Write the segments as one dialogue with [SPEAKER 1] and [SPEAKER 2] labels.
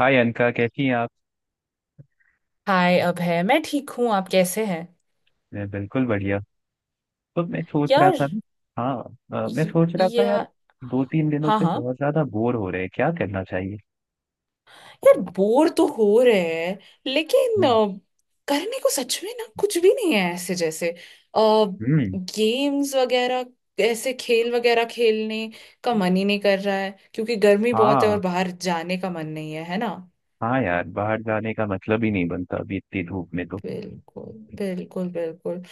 [SPEAKER 1] हाय अनका, कैसी हैं आप।
[SPEAKER 2] हाय अभय मैं ठीक हूँ आप कैसे हैं।
[SPEAKER 1] मैं बिल्कुल बढ़िया। तो मैं सोच रहा
[SPEAKER 2] यार
[SPEAKER 1] था ना। हाँ। मैं
[SPEAKER 2] य-
[SPEAKER 1] सोच रहा था यार,
[SPEAKER 2] या
[SPEAKER 1] दो तीन दिनों
[SPEAKER 2] हाँ
[SPEAKER 1] से
[SPEAKER 2] हाँ।
[SPEAKER 1] बहुत ज्यादा बोर हो रहे हैं, क्या करना चाहिए।
[SPEAKER 2] यार बोर तो हो रहे हैं लेकिन
[SPEAKER 1] हम्म।
[SPEAKER 2] करने को सच में ना कुछ भी नहीं है, ऐसे जैसे
[SPEAKER 1] हम्म,
[SPEAKER 2] गेम्स वगैरह, ऐसे खेल वगैरह खेलने का मन ही नहीं कर रहा है क्योंकि गर्मी बहुत है
[SPEAKER 1] हाँ।
[SPEAKER 2] और बाहर जाने का मन नहीं है, है ना।
[SPEAKER 1] हाँ यार, बाहर जाने का मतलब ही नहीं बनता अभी इतनी धूप में तो।
[SPEAKER 2] बिल्कुल बिल्कुल बिल्कुल।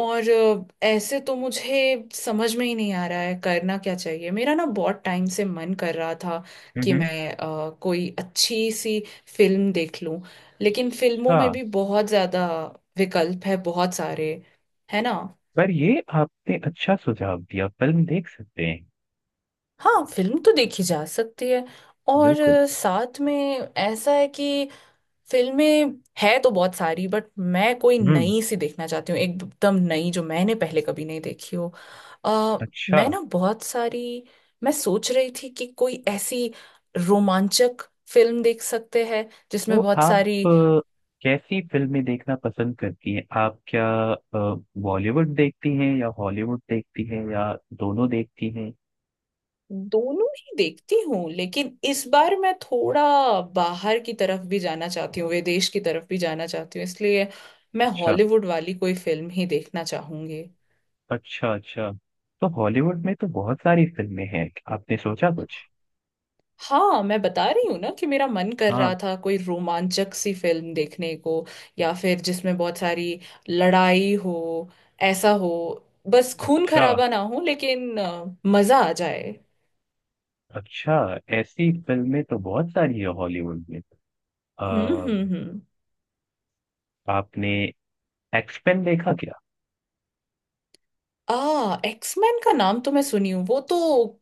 [SPEAKER 2] और ऐसे तो मुझे समझ में ही नहीं आ रहा है करना क्या चाहिए। मेरा ना बहुत टाइम से मन कर रहा था कि
[SPEAKER 1] हम्म।
[SPEAKER 2] मैं कोई अच्छी सी फिल्म देख लूं, लेकिन फिल्मों
[SPEAKER 1] अच्छा।
[SPEAKER 2] में भी बहुत ज़्यादा विकल्प है, बहुत सारे, है ना।
[SPEAKER 1] पर ये आपने अच्छा सुझाव दिया, फिल्म देख सकते हैं।
[SPEAKER 2] हाँ फिल्म तो देखी जा सकती है। और
[SPEAKER 1] बिल्कुल।
[SPEAKER 2] साथ में ऐसा है कि फिल्में है तो बहुत सारी, बट मैं कोई
[SPEAKER 1] हम्म।
[SPEAKER 2] नई सी देखना चाहती हूँ, एकदम नई जो मैंने पहले कभी नहीं देखी हो। अ,
[SPEAKER 1] अच्छा।
[SPEAKER 2] मैं ना बहुत सारी मैं सोच रही थी कि कोई ऐसी रोमांचक फिल्म देख सकते हैं
[SPEAKER 1] तो
[SPEAKER 2] जिसमें बहुत
[SPEAKER 1] आप
[SPEAKER 2] सारी।
[SPEAKER 1] अ, कैसी फिल्में देखना पसंद करती हैं आप, क्या अ, बॉलीवुड देखती हैं या हॉलीवुड देखती हैं या दोनों देखती हैं।
[SPEAKER 2] दोनों ही देखती हूँ लेकिन इस बार मैं थोड़ा बाहर की तरफ भी जाना चाहती हूँ, विदेश की तरफ भी जाना चाहती हूँ, इसलिए मैं
[SPEAKER 1] अच्छा।
[SPEAKER 2] हॉलीवुड वाली कोई फिल्म ही देखना चाहूंगी।
[SPEAKER 1] अच्छा अच्छा। तो हॉलीवुड में तो बहुत सारी फिल्में हैं, आपने सोचा कुछ।
[SPEAKER 2] हाँ मैं बता रही हूँ ना कि मेरा मन कर
[SPEAKER 1] हाँ।
[SPEAKER 2] रहा था कोई रोमांचक सी फिल्म देखने को, या फिर जिसमें बहुत सारी लड़ाई हो, ऐसा हो। बस खून
[SPEAKER 1] अच्छा।
[SPEAKER 2] खराबा ना हो, लेकिन मजा आ जाए।
[SPEAKER 1] अच्छा, ऐसी फिल्में तो बहुत सारी है हॉलीवुड में। अ,
[SPEAKER 2] हम्म।
[SPEAKER 1] आपने एक्सपेन देखा क्या।
[SPEAKER 2] आ एक्समैन का नाम तो मैं सुनी हूँ। वो तो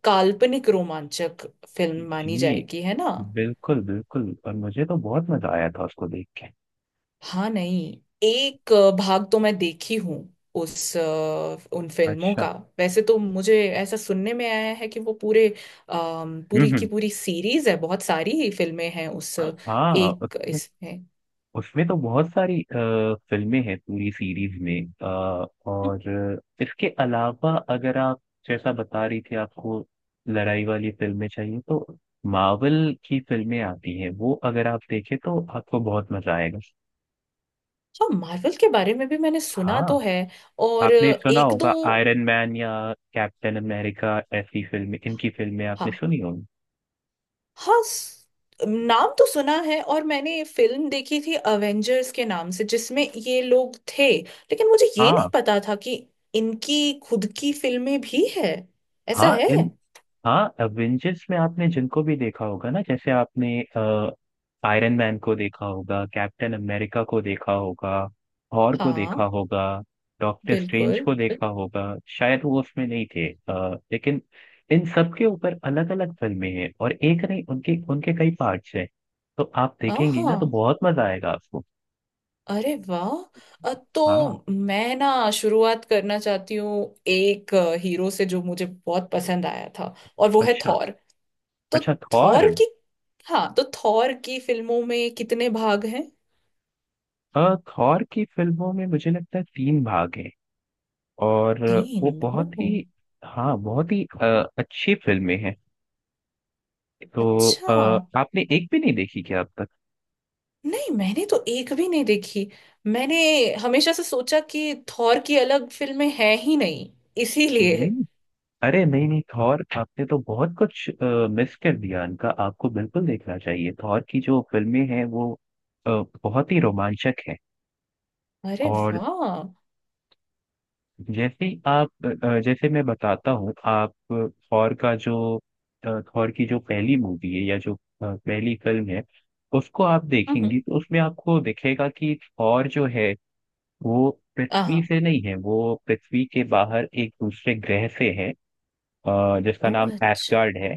[SPEAKER 2] काल्पनिक रोमांचक फिल्म मानी
[SPEAKER 1] जी,
[SPEAKER 2] जाएगी, है ना।
[SPEAKER 1] बिल्कुल बिल्कुल, और मुझे तो बहुत मजा आया था उसको देख के।
[SPEAKER 2] हाँ नहीं, एक भाग तो मैं देखी हूँ उन फिल्मों
[SPEAKER 1] अच्छा।
[SPEAKER 2] का। वैसे तो मुझे ऐसा सुनने में आया है कि वो पूरे, पूरी
[SPEAKER 1] हम्म
[SPEAKER 2] की
[SPEAKER 1] हम्म।
[SPEAKER 2] पूरी सीरीज है, बहुत सारी फिल्में हैं उस
[SPEAKER 1] हाँ,
[SPEAKER 2] एक इसमें।
[SPEAKER 1] उसमें तो बहुत सारी फिल्में हैं पूरी सीरीज में। और इसके अलावा, अगर आप जैसा बता रही थी, आपको लड़ाई वाली फिल्में चाहिए तो मार्वल की फिल्में आती हैं, वो अगर आप देखें तो आपको बहुत मजा आएगा।
[SPEAKER 2] हाँ मार्वल के बारे में भी मैंने सुना
[SPEAKER 1] हाँ,
[SPEAKER 2] तो है। और
[SPEAKER 1] आपने सुना
[SPEAKER 2] एक दो।
[SPEAKER 1] होगा आयरन मैन या कैप्टन अमेरिका, ऐसी फिल्में, इनकी फिल्में आपने
[SPEAKER 2] हाँ,
[SPEAKER 1] सुनी होगी।
[SPEAKER 2] हाँ नाम तो सुना है, और मैंने फिल्म देखी थी अवेंजर्स के नाम से जिसमें ये लोग थे, लेकिन मुझे ये नहीं
[SPEAKER 1] हाँ
[SPEAKER 2] पता था कि इनकी खुद की फिल्में भी है, ऐसा
[SPEAKER 1] हाँ
[SPEAKER 2] है।
[SPEAKER 1] इन हाँ, एवेंजर्स में आपने जिनको भी देखा होगा ना, जैसे आपने आयरन मैन को देखा होगा, कैप्टन अमेरिका को देखा होगा, थॉर को
[SPEAKER 2] हाँ
[SPEAKER 1] देखा होगा, डॉक्टर स्ट्रेंज
[SPEAKER 2] बिल्कुल।
[SPEAKER 1] को देखा होगा। शायद वो उसमें नहीं थे, लेकिन इन सब के ऊपर अलग अलग फिल्में हैं, और एक नहीं, उनके उनके कई पार्ट्स हैं। तो आप
[SPEAKER 2] हाँ
[SPEAKER 1] देखेंगी ना तो
[SPEAKER 2] हाँ।
[SPEAKER 1] बहुत मजा आएगा आपको।
[SPEAKER 2] अरे वाह,
[SPEAKER 1] हाँ।
[SPEAKER 2] तो मैं ना शुरुआत करना चाहती हूँ एक हीरो से जो मुझे बहुत पसंद आया था, और वो है
[SPEAKER 1] अच्छा।
[SPEAKER 2] थॉर। तो
[SPEAKER 1] अच्छा थॉर।
[SPEAKER 2] थॉर की, हाँ, तो थॉर की फिल्मों में कितने भाग हैं।
[SPEAKER 1] थॉर की फिल्मों में मुझे लगता है तीन भाग हैं। और
[SPEAKER 2] 3,
[SPEAKER 1] वो
[SPEAKER 2] ओह
[SPEAKER 1] बहुत ही, हाँ, बहुत ही अच्छी फिल्में हैं। तो
[SPEAKER 2] अच्छा।
[SPEAKER 1] आपने एक भी नहीं देखी क्या अब तक।
[SPEAKER 2] नहीं मैंने तो एक भी नहीं देखी। मैंने हमेशा से सोचा कि थॉर की अलग फिल्में हैं ही नहीं, इसीलिए।
[SPEAKER 1] नहीं, अरे नहीं नहीं, थॉर आपने तो बहुत कुछ मिस कर दिया, इनका आपको बिल्कुल देखना चाहिए, थॉर की जो फिल्में हैं वो अ, बहुत ही रोमांचक है।
[SPEAKER 2] अरे
[SPEAKER 1] और
[SPEAKER 2] वाह।
[SPEAKER 1] जैसे ही आप जैसे मैं बताता हूँ, आप थॉर की जो पहली मूवी है या जो पहली फिल्म है उसको आप
[SPEAKER 2] हम्म।
[SPEAKER 1] देखेंगी तो उसमें आपको दिखेगा कि थॉर जो है वो पृथ्वी
[SPEAKER 2] हाँ।
[SPEAKER 1] से नहीं है, वो पृथ्वी के बाहर एक दूसरे ग्रह से है, जिसका
[SPEAKER 2] ओ
[SPEAKER 1] नाम
[SPEAKER 2] अच्छा।
[SPEAKER 1] एस्गार्ड है।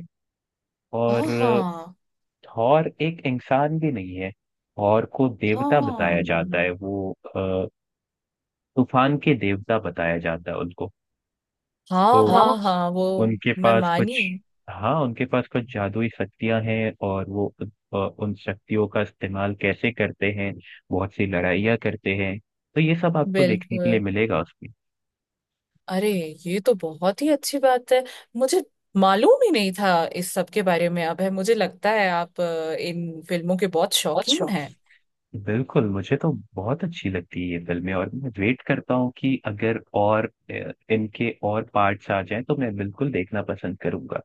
[SPEAKER 1] और
[SPEAKER 2] आहा।
[SPEAKER 1] थॉर एक इंसान भी नहीं है, थॉर को देवता बताया
[SPEAKER 2] हाँ
[SPEAKER 1] जाता है, तूफान के देवता बताया जाता है उनको।
[SPEAKER 2] हाँ हाँ
[SPEAKER 1] तो हाँ,
[SPEAKER 2] हाँ, हाँ, वो
[SPEAKER 1] उनके
[SPEAKER 2] मैं
[SPEAKER 1] पास कुछ
[SPEAKER 2] मानी।
[SPEAKER 1] हाँ, उनके पास कुछ जादुई शक्तियां हैं, और वो उन शक्तियों का इस्तेमाल कैसे करते हैं, बहुत सी लड़ाइयाँ करते हैं, तो ये सब आपको देखने के
[SPEAKER 2] बिल्कुल।
[SPEAKER 1] लिए मिलेगा उसमें।
[SPEAKER 2] अरे ये तो बहुत ही अच्छी बात है। मुझे मालूम ही नहीं था इस सब के बारे में। अब है, मुझे लगता है आप इन फिल्मों के बहुत
[SPEAKER 1] अच्छा,
[SPEAKER 2] शौकीन हैं।
[SPEAKER 1] बिल्कुल, मुझे तो बहुत अच्छी लगती है ये फिल्में, और मैं वेट करता हूँ कि अगर और इनके और पार्ट्स आ जाएं तो मैं बिल्कुल देखना पसंद करूंगा।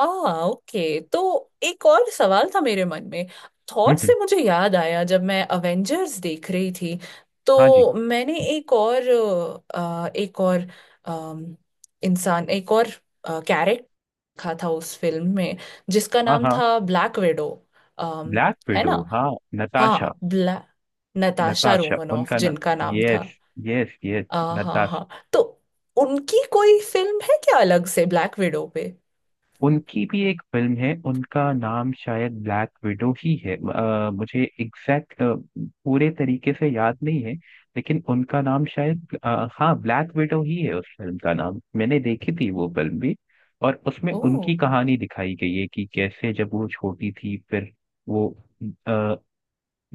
[SPEAKER 2] आ ओके तो एक और सवाल था मेरे मन में।
[SPEAKER 1] हम्म
[SPEAKER 2] थॉर
[SPEAKER 1] हम्म,
[SPEAKER 2] से मुझे याद आया, जब मैं अवेंजर्स देख रही थी
[SPEAKER 1] हाँ जी।
[SPEAKER 2] तो मैंने एक और अ, एक और अम, इंसान एक और कैरेक्टर देखा था उस फिल्म में जिसका
[SPEAKER 1] हाँ
[SPEAKER 2] नाम
[SPEAKER 1] हाँ,
[SPEAKER 2] था ब्लैक विडो,
[SPEAKER 1] ब्लैक
[SPEAKER 2] है
[SPEAKER 1] विडो
[SPEAKER 2] ना।
[SPEAKER 1] हाँ। नताशा।
[SPEAKER 2] हाँ ब्लैक, नताशा
[SPEAKER 1] नताशा
[SPEAKER 2] रोमनॉफ
[SPEAKER 1] उनका नाम,
[SPEAKER 2] जिनका नाम था।
[SPEAKER 1] Yes, yes yes.
[SPEAKER 2] हाँ हाँ। तो उनकी कोई फिल्म है क्या अलग से ब्लैक विडो पे।
[SPEAKER 1] उनकी भी एक फिल्म है, उनका नाम शायद ब्लैक विडो ही है, मुझे एग्जैक्ट पूरे तरीके से याद नहीं है, लेकिन उनका नाम शायद, हाँ, ब्लैक विडो ही है उस फिल्म का नाम, मैंने देखी थी वो फिल्म भी। और उसमें उनकी
[SPEAKER 2] ओ।
[SPEAKER 1] कहानी दिखाई गई है कि कैसे जब वो छोटी थी, फिर वो,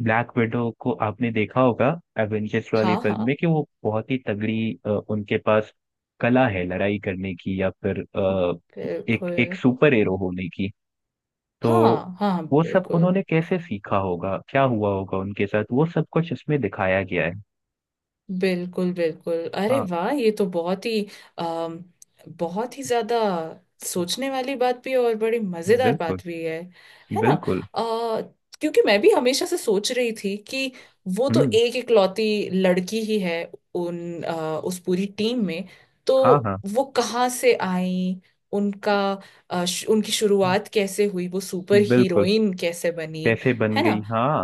[SPEAKER 1] ब्लैक विडो को आपने देखा होगा एवेंजर्स वाली
[SPEAKER 2] हाँ
[SPEAKER 1] फिल्म में
[SPEAKER 2] हाँ।
[SPEAKER 1] कि वो बहुत ही तगड़ी, उनके पास कला है लड़ाई करने की, या फिर एक एक
[SPEAKER 2] बिल्कुल।
[SPEAKER 1] सुपर हीरो होने की। तो
[SPEAKER 2] हाँ हाँ।
[SPEAKER 1] वो सब
[SPEAKER 2] बिल्कुल
[SPEAKER 1] उन्होंने कैसे सीखा होगा, क्या हुआ होगा उनके साथ, वो सब कुछ इसमें दिखाया गया है।
[SPEAKER 2] बिल्कुल बिल्कुल। अरे
[SPEAKER 1] हाँ।
[SPEAKER 2] वाह ये तो बहुत ही, अम, बहुत ही ज्यादा सोचने वाली बात भी है, और बड़ी मजेदार
[SPEAKER 1] बिल्कुल
[SPEAKER 2] बात भी है ना।
[SPEAKER 1] बिल्कुल।
[SPEAKER 2] अ, क्योंकि मैं भी हमेशा से सोच रही थी कि वो तो
[SPEAKER 1] हम्म।
[SPEAKER 2] एक इकलौती लड़की ही है उस पूरी टीम में, तो
[SPEAKER 1] हाँ हाँ
[SPEAKER 2] वो कहाँ से आई। उनका उनकी शुरुआत कैसे हुई, वो सुपर
[SPEAKER 1] बिल्कुल।
[SPEAKER 2] हीरोइन कैसे बनी,
[SPEAKER 1] कैसे बन
[SPEAKER 2] है
[SPEAKER 1] गई,
[SPEAKER 2] ना।
[SPEAKER 1] हाँ,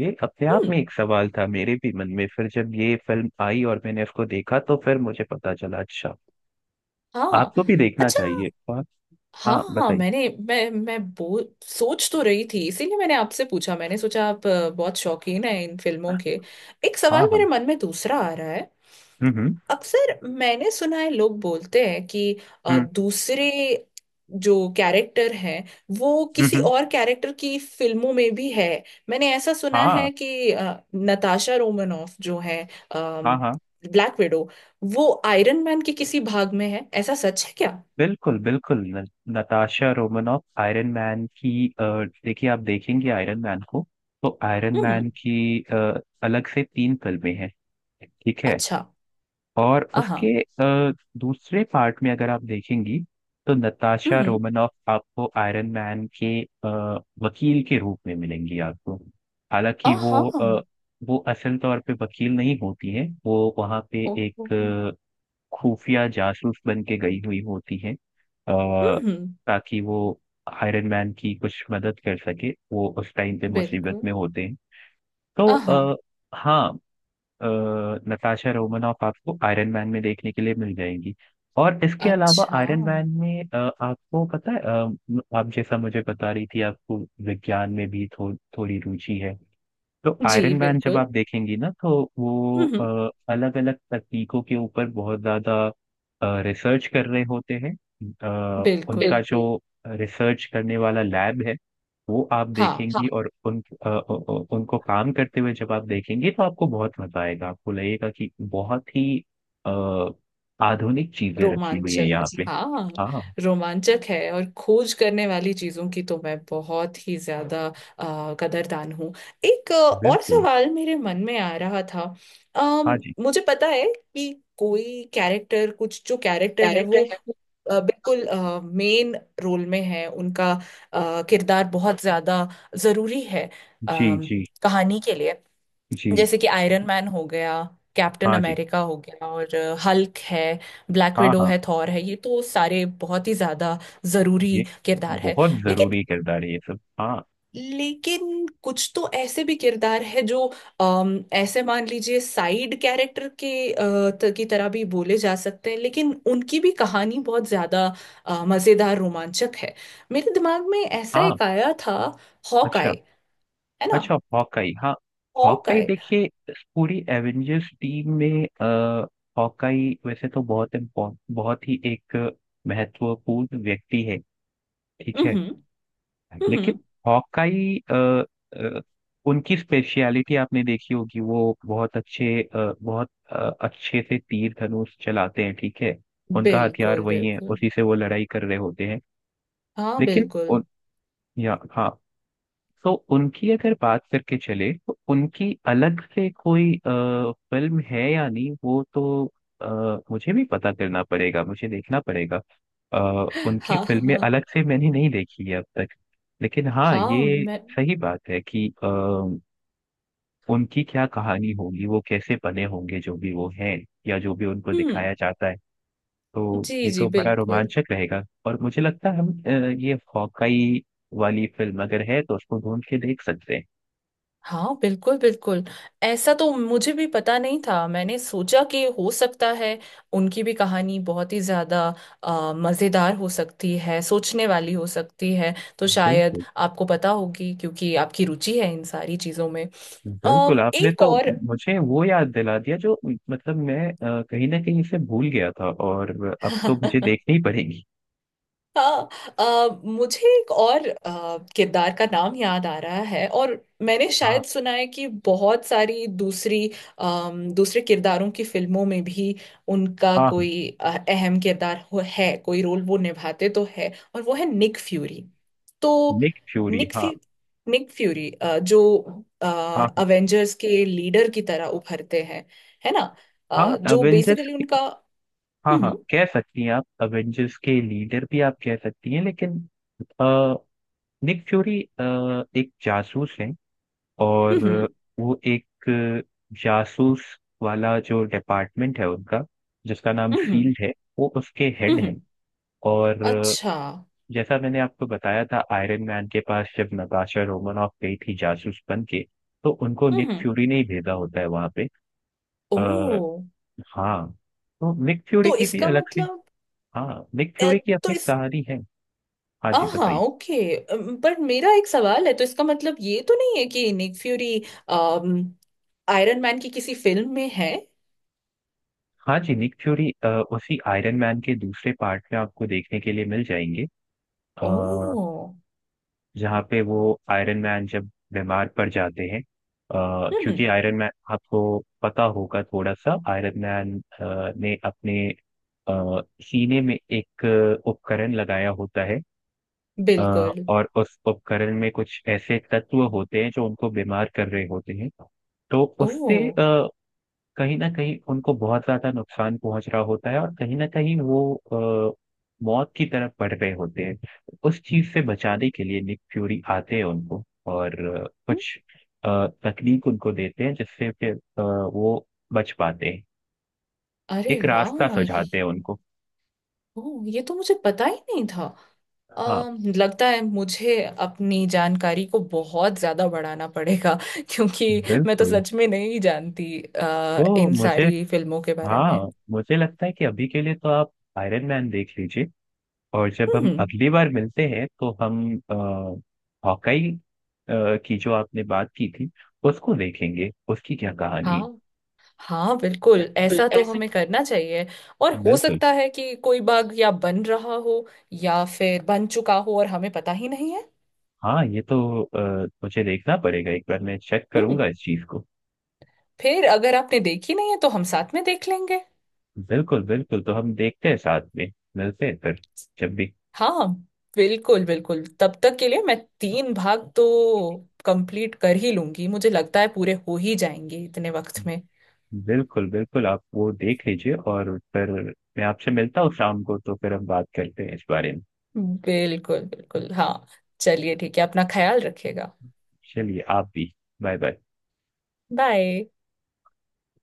[SPEAKER 1] ये अपने आप
[SPEAKER 2] हम्म।
[SPEAKER 1] में एक सवाल था मेरे भी मन में, फिर जब ये फिल्म आई और मैंने इसको देखा तो फिर मुझे पता चला। अच्छा,
[SPEAKER 2] हाँ।
[SPEAKER 1] आपको भी देखना
[SPEAKER 2] अच्छा,
[SPEAKER 1] चाहिए। और
[SPEAKER 2] हाँ
[SPEAKER 1] हाँ,
[SPEAKER 2] हाँ।
[SPEAKER 1] बताइए।
[SPEAKER 2] मैंने मैं बो सोच तो रही थी, इसीलिए मैंने आपसे पूछा, मैंने सोचा आप बहुत शौकीन हैं इन फिल्मों के। एक
[SPEAKER 1] हाँ
[SPEAKER 2] सवाल
[SPEAKER 1] हाँ।
[SPEAKER 2] मेरे मन में दूसरा आ रहा है।
[SPEAKER 1] हम्म हम्म
[SPEAKER 2] अक्सर मैंने सुना है लोग बोलते हैं कि
[SPEAKER 1] हम्म
[SPEAKER 2] दूसरे जो कैरेक्टर हैं वो
[SPEAKER 1] हम्म
[SPEAKER 2] किसी
[SPEAKER 1] हम्म,
[SPEAKER 2] और कैरेक्टर की फिल्मों में भी है। मैंने ऐसा सुना
[SPEAKER 1] हाँ।
[SPEAKER 2] है कि नताशा रोमनॉफ जो है,
[SPEAKER 1] हाँ हाँ।
[SPEAKER 2] ब्लैक विडो, वो आयरन मैन के किसी भाग में है, ऐसा सच है क्या।
[SPEAKER 1] बिल्कुल बिल्कुल न, नताशा रोमनॉफ आयरन मैन की, देखिए, आप देखेंगे आयरन मैन को, तो आयरन
[SPEAKER 2] हम्म।
[SPEAKER 1] मैन की अलग से तीन फिल्में हैं, ठीक है।
[SPEAKER 2] अच्छा।
[SPEAKER 1] और उसके
[SPEAKER 2] हाँ।
[SPEAKER 1] दूसरे पार्ट में अगर आप देखेंगी तो नताशा
[SPEAKER 2] हम्म।
[SPEAKER 1] रोमनॉफ आपको आयरन मैन के वकील के रूप में मिलेंगी आपको। हालांकि
[SPEAKER 2] हाँ।
[SPEAKER 1] वो असल तौर पे वकील नहीं होती है, वो वहाँ पे
[SPEAKER 2] ओह।
[SPEAKER 1] एक खुफिया जासूस बन के गई हुई होती है,
[SPEAKER 2] हम्म।
[SPEAKER 1] ताकि वो आयरन मैन की कुछ मदद कर सके, वो उस टाइम पे मुसीबत
[SPEAKER 2] बिल्कुल।
[SPEAKER 1] में होते हैं। तो
[SPEAKER 2] हाँ।
[SPEAKER 1] आ, हाँ, नताशा रोमानॉफ आपको आयरन मैन में देखने के लिए मिल जाएगी। और इसके अलावा
[SPEAKER 2] अच्छा।
[SPEAKER 1] आयरन मैन में, आपको पता है, आप जैसा मुझे बता रही थी, आपको विज्ञान में भी थोड़ी रुचि है, तो
[SPEAKER 2] जी
[SPEAKER 1] आयरन मैन जब
[SPEAKER 2] बिल्कुल।
[SPEAKER 1] आप देखेंगी ना तो वो
[SPEAKER 2] हम्म।
[SPEAKER 1] अलग अलग तकनीकों के ऊपर बहुत ज्यादा रिसर्च कर रहे होते हैं। उनका
[SPEAKER 2] बिल्कुल।
[SPEAKER 1] बिल्कुल जो रिसर्च करने वाला लैब है, वो आप देखेंगी।
[SPEAKER 2] हाँ।
[SPEAKER 1] हाँ, और उन अ, अ, अ, उनको काम करते हुए जब आप देखेंगी तो आपको बहुत मजा आएगा, आपको लगेगा कि बहुत ही अ, आधुनिक चीजें रखी हुई है
[SPEAKER 2] रोमांचक
[SPEAKER 1] यहाँ
[SPEAKER 2] है,
[SPEAKER 1] जी पे।
[SPEAKER 2] हाँ।
[SPEAKER 1] हाँ।
[SPEAKER 2] रोमांचक है, और खोज करने वाली चीजों की तो मैं बहुत ही ज्यादा कदरदान हूँ। एक और
[SPEAKER 1] बिल्कुल।
[SPEAKER 2] सवाल मेरे मन में आ रहा था।
[SPEAKER 1] हाँ जी।
[SPEAKER 2] मुझे पता है कि कोई कैरेक्टर, कुछ जो कैरेक्टर है
[SPEAKER 1] कैरेक्टर
[SPEAKER 2] वो
[SPEAKER 1] है वो।
[SPEAKER 2] बिल्कुल मेन रोल में है, उनका किरदार बहुत ज्यादा जरूरी है
[SPEAKER 1] जी
[SPEAKER 2] अम,
[SPEAKER 1] जी।
[SPEAKER 2] कहानी के लिए।
[SPEAKER 1] जी।
[SPEAKER 2] जैसे कि आयरन मैन हो गया, कैप्टन
[SPEAKER 1] हाँ जी।
[SPEAKER 2] अमेरिका हो गया, और हल्क है, ब्लैक
[SPEAKER 1] हाँ
[SPEAKER 2] विडो
[SPEAKER 1] हाँ,
[SPEAKER 2] है, थॉर है, ये तो सारे बहुत ही ज्यादा जरूरी
[SPEAKER 1] ये
[SPEAKER 2] किरदार है।
[SPEAKER 1] बहुत
[SPEAKER 2] लेकिन,
[SPEAKER 1] जरूरी किरदार है ये सब, हाँ।
[SPEAKER 2] लेकिन कुछ तो ऐसे भी किरदार है जो ऐसे मान लीजिए साइड कैरेक्टर के अ, की तरह भी बोले जा सकते हैं, लेकिन उनकी भी कहानी बहुत ज्यादा मजेदार रोमांचक है। मेरे दिमाग में ऐसा
[SPEAKER 1] हाँ।
[SPEAKER 2] एक आया था,
[SPEAKER 1] अच्छा।
[SPEAKER 2] हॉकाई, है ना।
[SPEAKER 1] अच्छा हॉकाई, हाँ। Hawkeye
[SPEAKER 2] Hawkeye.
[SPEAKER 1] देखिए, इस पूरी एवेंजर्स टीम में हॉकाई वैसे तो बहुत ही एक महत्वपूर्ण व्यक्ति है, ठीक है।
[SPEAKER 2] हम्म हम्म
[SPEAKER 1] लेकिन
[SPEAKER 2] हम्म।
[SPEAKER 1] हॉकाई, अ, उनकी स्पेशलिटी आपने देखी होगी, वो बहुत अच्छे अ, बहुत अ, अच्छे से तीर धनुष चलाते हैं, ठीक है। उनका हथियार
[SPEAKER 2] बिल्कुल
[SPEAKER 1] वही है,
[SPEAKER 2] बिल्कुल।
[SPEAKER 1] उसी से वो लड़ाई कर रहे होते हैं।
[SPEAKER 2] हाँ
[SPEAKER 1] लेकिन
[SPEAKER 2] बिल्कुल।
[SPEAKER 1] उन या हाँ, तो उनकी अगर बात करके चले तो उनकी अलग से कोई फिल्म है या नहीं वो तो आ, मुझे भी पता करना पड़ेगा, मुझे देखना पड़ेगा। आ, उनकी
[SPEAKER 2] हाँ हाँ
[SPEAKER 1] फिल्में
[SPEAKER 2] हाँ
[SPEAKER 1] अलग से मैंने नहीं देखी है अब तक। लेकिन हाँ,
[SPEAKER 2] हाँ,
[SPEAKER 1] ये
[SPEAKER 2] मैं।
[SPEAKER 1] सही बात है कि उनकी क्या कहानी होगी, वो कैसे बने होंगे जो भी वो हैं, या जो भी उनको
[SPEAKER 2] हम्म।
[SPEAKER 1] दिखाया जाता है, तो
[SPEAKER 2] जी
[SPEAKER 1] ये
[SPEAKER 2] जी
[SPEAKER 1] तो बड़ा
[SPEAKER 2] बिल्कुल।
[SPEAKER 1] रोमांचक रहेगा। और मुझे लगता है हम, ये हॉकाई वाली फिल्म अगर है तो उसको ढूंढ के देख सकते हैं।
[SPEAKER 2] हाँ बिल्कुल बिल्कुल। ऐसा तो मुझे भी पता नहीं था, मैंने सोचा कि हो सकता है उनकी भी कहानी बहुत ही ज्यादा मजेदार हो सकती है, सोचने वाली हो सकती है। तो शायद
[SPEAKER 1] बिल्कुल
[SPEAKER 2] आपको पता होगी क्योंकि आपकी रुचि है इन सारी चीजों में।
[SPEAKER 1] बिल्कुल,
[SPEAKER 2] अम,
[SPEAKER 1] आपने
[SPEAKER 2] एक
[SPEAKER 1] तो
[SPEAKER 2] और
[SPEAKER 1] मुझे वो याद दिला दिया जो, मतलब मैं कहीं ना कहीं से भूल गया था, और अब तो मुझे देखनी ही पड़ेगी।
[SPEAKER 2] हाँ। मुझे एक और किरदार का नाम याद आ रहा है, और मैंने
[SPEAKER 1] हाँ
[SPEAKER 2] शायद सुना है कि बहुत सारी दूसरी, दूसरे किरदारों की फिल्मों में भी उनका
[SPEAKER 1] हाँ।
[SPEAKER 2] कोई अहम किरदार हो, है कोई रोल वो निभाते तो है, और वो है निक फ्यूरी। तो
[SPEAKER 1] निक फ्यूरी,
[SPEAKER 2] निक
[SPEAKER 1] हाँ।
[SPEAKER 2] फ्यू निक फ्यूरी जो
[SPEAKER 1] हाँ
[SPEAKER 2] अवेंजर्स के लीडर की तरह उभरते हैं, है ना।
[SPEAKER 1] हाँ
[SPEAKER 2] जो
[SPEAKER 1] अवेंजर्स,
[SPEAKER 2] बेसिकली उनका,
[SPEAKER 1] हाँ हाँ,
[SPEAKER 2] हम्म
[SPEAKER 1] कह सकती हैं आप, अवेंजर्स के लीडर भी आप कह सकती हैं, लेकिन आ, निक फ्यूरी एक जासूस है, और
[SPEAKER 2] हम्म हम्म
[SPEAKER 1] वो एक जासूस वाला जो डिपार्टमेंट है उनका, जिसका नाम
[SPEAKER 2] हम्म
[SPEAKER 1] फील्ड है, वो उसके
[SPEAKER 2] हम्म
[SPEAKER 1] हेड है।
[SPEAKER 2] हम्म,
[SPEAKER 1] और
[SPEAKER 2] अच्छा।
[SPEAKER 1] जैसा मैंने आपको बताया था, आयरन मैन के पास जब नताशा रोमानॉफ गई थी जासूस बन के, तो उनको निक
[SPEAKER 2] हम्म।
[SPEAKER 1] फ्यूरी ने ही भेजा होता है वहां पे।
[SPEAKER 2] ओ,
[SPEAKER 1] आ, हाँ, तो निक फ्यूरी
[SPEAKER 2] तो
[SPEAKER 1] की भी
[SPEAKER 2] इसका
[SPEAKER 1] अलग से,
[SPEAKER 2] मतलब,
[SPEAKER 1] हाँ, निक
[SPEAKER 2] अ,
[SPEAKER 1] फ्यूरी की
[SPEAKER 2] तो
[SPEAKER 1] अपनी
[SPEAKER 2] इस,
[SPEAKER 1] कहानी है। हाँ जी
[SPEAKER 2] हाँ
[SPEAKER 1] बताइए।
[SPEAKER 2] ओके, पर मेरा एक सवाल है, तो इसका मतलब ये तो नहीं है कि निक फ्यूरी आयरन मैन की किसी फिल्म में है।
[SPEAKER 1] हाँ जी, निक फ्यूरी उसी आयरन मैन के दूसरे पार्ट में आपको देखने के लिए मिल जाएंगे। आ,
[SPEAKER 2] ओ।
[SPEAKER 1] जहाँ पे वो, आयरन मैन जब बीमार पड़ जाते हैं,
[SPEAKER 2] हम्म।
[SPEAKER 1] क्योंकि आयरन मैन आपको पता होगा, थोड़ा सा आयरन मैन ने अपने सीने में एक उपकरण लगाया होता है, अ,
[SPEAKER 2] बिल्कुल।
[SPEAKER 1] और उस उपकरण में कुछ ऐसे तत्व होते हैं जो उनको बीमार कर रहे होते हैं। तो
[SPEAKER 2] ओ।
[SPEAKER 1] कहीं ना कहीं उनको बहुत ज्यादा नुकसान पहुंच रहा होता है, और कहीं ना कहीं वो अ, मौत की तरफ बढ़ रहे होते हैं। उस चीज से बचाने के लिए निक फ्यूरी आते हैं उनको, और
[SPEAKER 2] हम्म।
[SPEAKER 1] तकनीक उनको देते हैं, जिससे फिर वो बच पाते हैं,
[SPEAKER 2] अरे
[SPEAKER 1] एक रास्ता
[SPEAKER 2] वाह ये,
[SPEAKER 1] सुझाते हैं उनको।
[SPEAKER 2] ओ ये तो मुझे पता ही नहीं था।
[SPEAKER 1] हाँ
[SPEAKER 2] लगता है मुझे अपनी जानकारी को बहुत ज्यादा बढ़ाना पड़ेगा क्योंकि मैं तो
[SPEAKER 1] बिल्कुल।
[SPEAKER 2] सच में नहीं जानती
[SPEAKER 1] तो
[SPEAKER 2] इन
[SPEAKER 1] मुझे,
[SPEAKER 2] सारी फिल्मों के बारे में।
[SPEAKER 1] हाँ, मुझे लगता है कि अभी के लिए तो आप आयरन मैन देख लीजिए, और जब हम
[SPEAKER 2] हम्म।
[SPEAKER 1] अगली बार मिलते हैं तो हम हॉकाई की जो आपने बात की थी उसको देखेंगे, उसकी क्या कहानी है।
[SPEAKER 2] हाँ हाँ बिल्कुल,
[SPEAKER 1] बिल्कुल
[SPEAKER 2] ऐसा तो
[SPEAKER 1] ऐसा।
[SPEAKER 2] हमें करना चाहिए। और हो
[SPEAKER 1] बिल्कुल।
[SPEAKER 2] सकता है कि कोई बाग या बन रहा हो, या फिर बन चुका हो और हमें पता ही नहीं है।
[SPEAKER 1] हाँ ये तो मुझे देखना पड़ेगा, एक बार मैं चेक
[SPEAKER 2] हम्म।
[SPEAKER 1] करूंगा इस चीज को।
[SPEAKER 2] फिर अगर आपने देखी नहीं है तो हम साथ में देख लेंगे।
[SPEAKER 1] बिल्कुल बिल्कुल, तो हम देखते हैं साथ में, मिलते हैं फिर जब भी।
[SPEAKER 2] हाँ बिल्कुल बिल्कुल। तब तक के लिए मैं 3 भाग तो कंप्लीट कर ही लूंगी, मुझे लगता है पूरे हो ही जाएंगे इतने वक्त में।
[SPEAKER 1] बिल्कुल बिल्कुल, आप वो देख लीजिए और फिर मैं आपसे मिलता हूँ शाम को, तो फिर हम बात करते हैं इस बारे में।
[SPEAKER 2] बिल्कुल बिल्कुल हाँ। चलिए ठीक है, अपना ख्याल रखिएगा।
[SPEAKER 1] चलिए, आप भी। Bye bye.
[SPEAKER 2] बाय।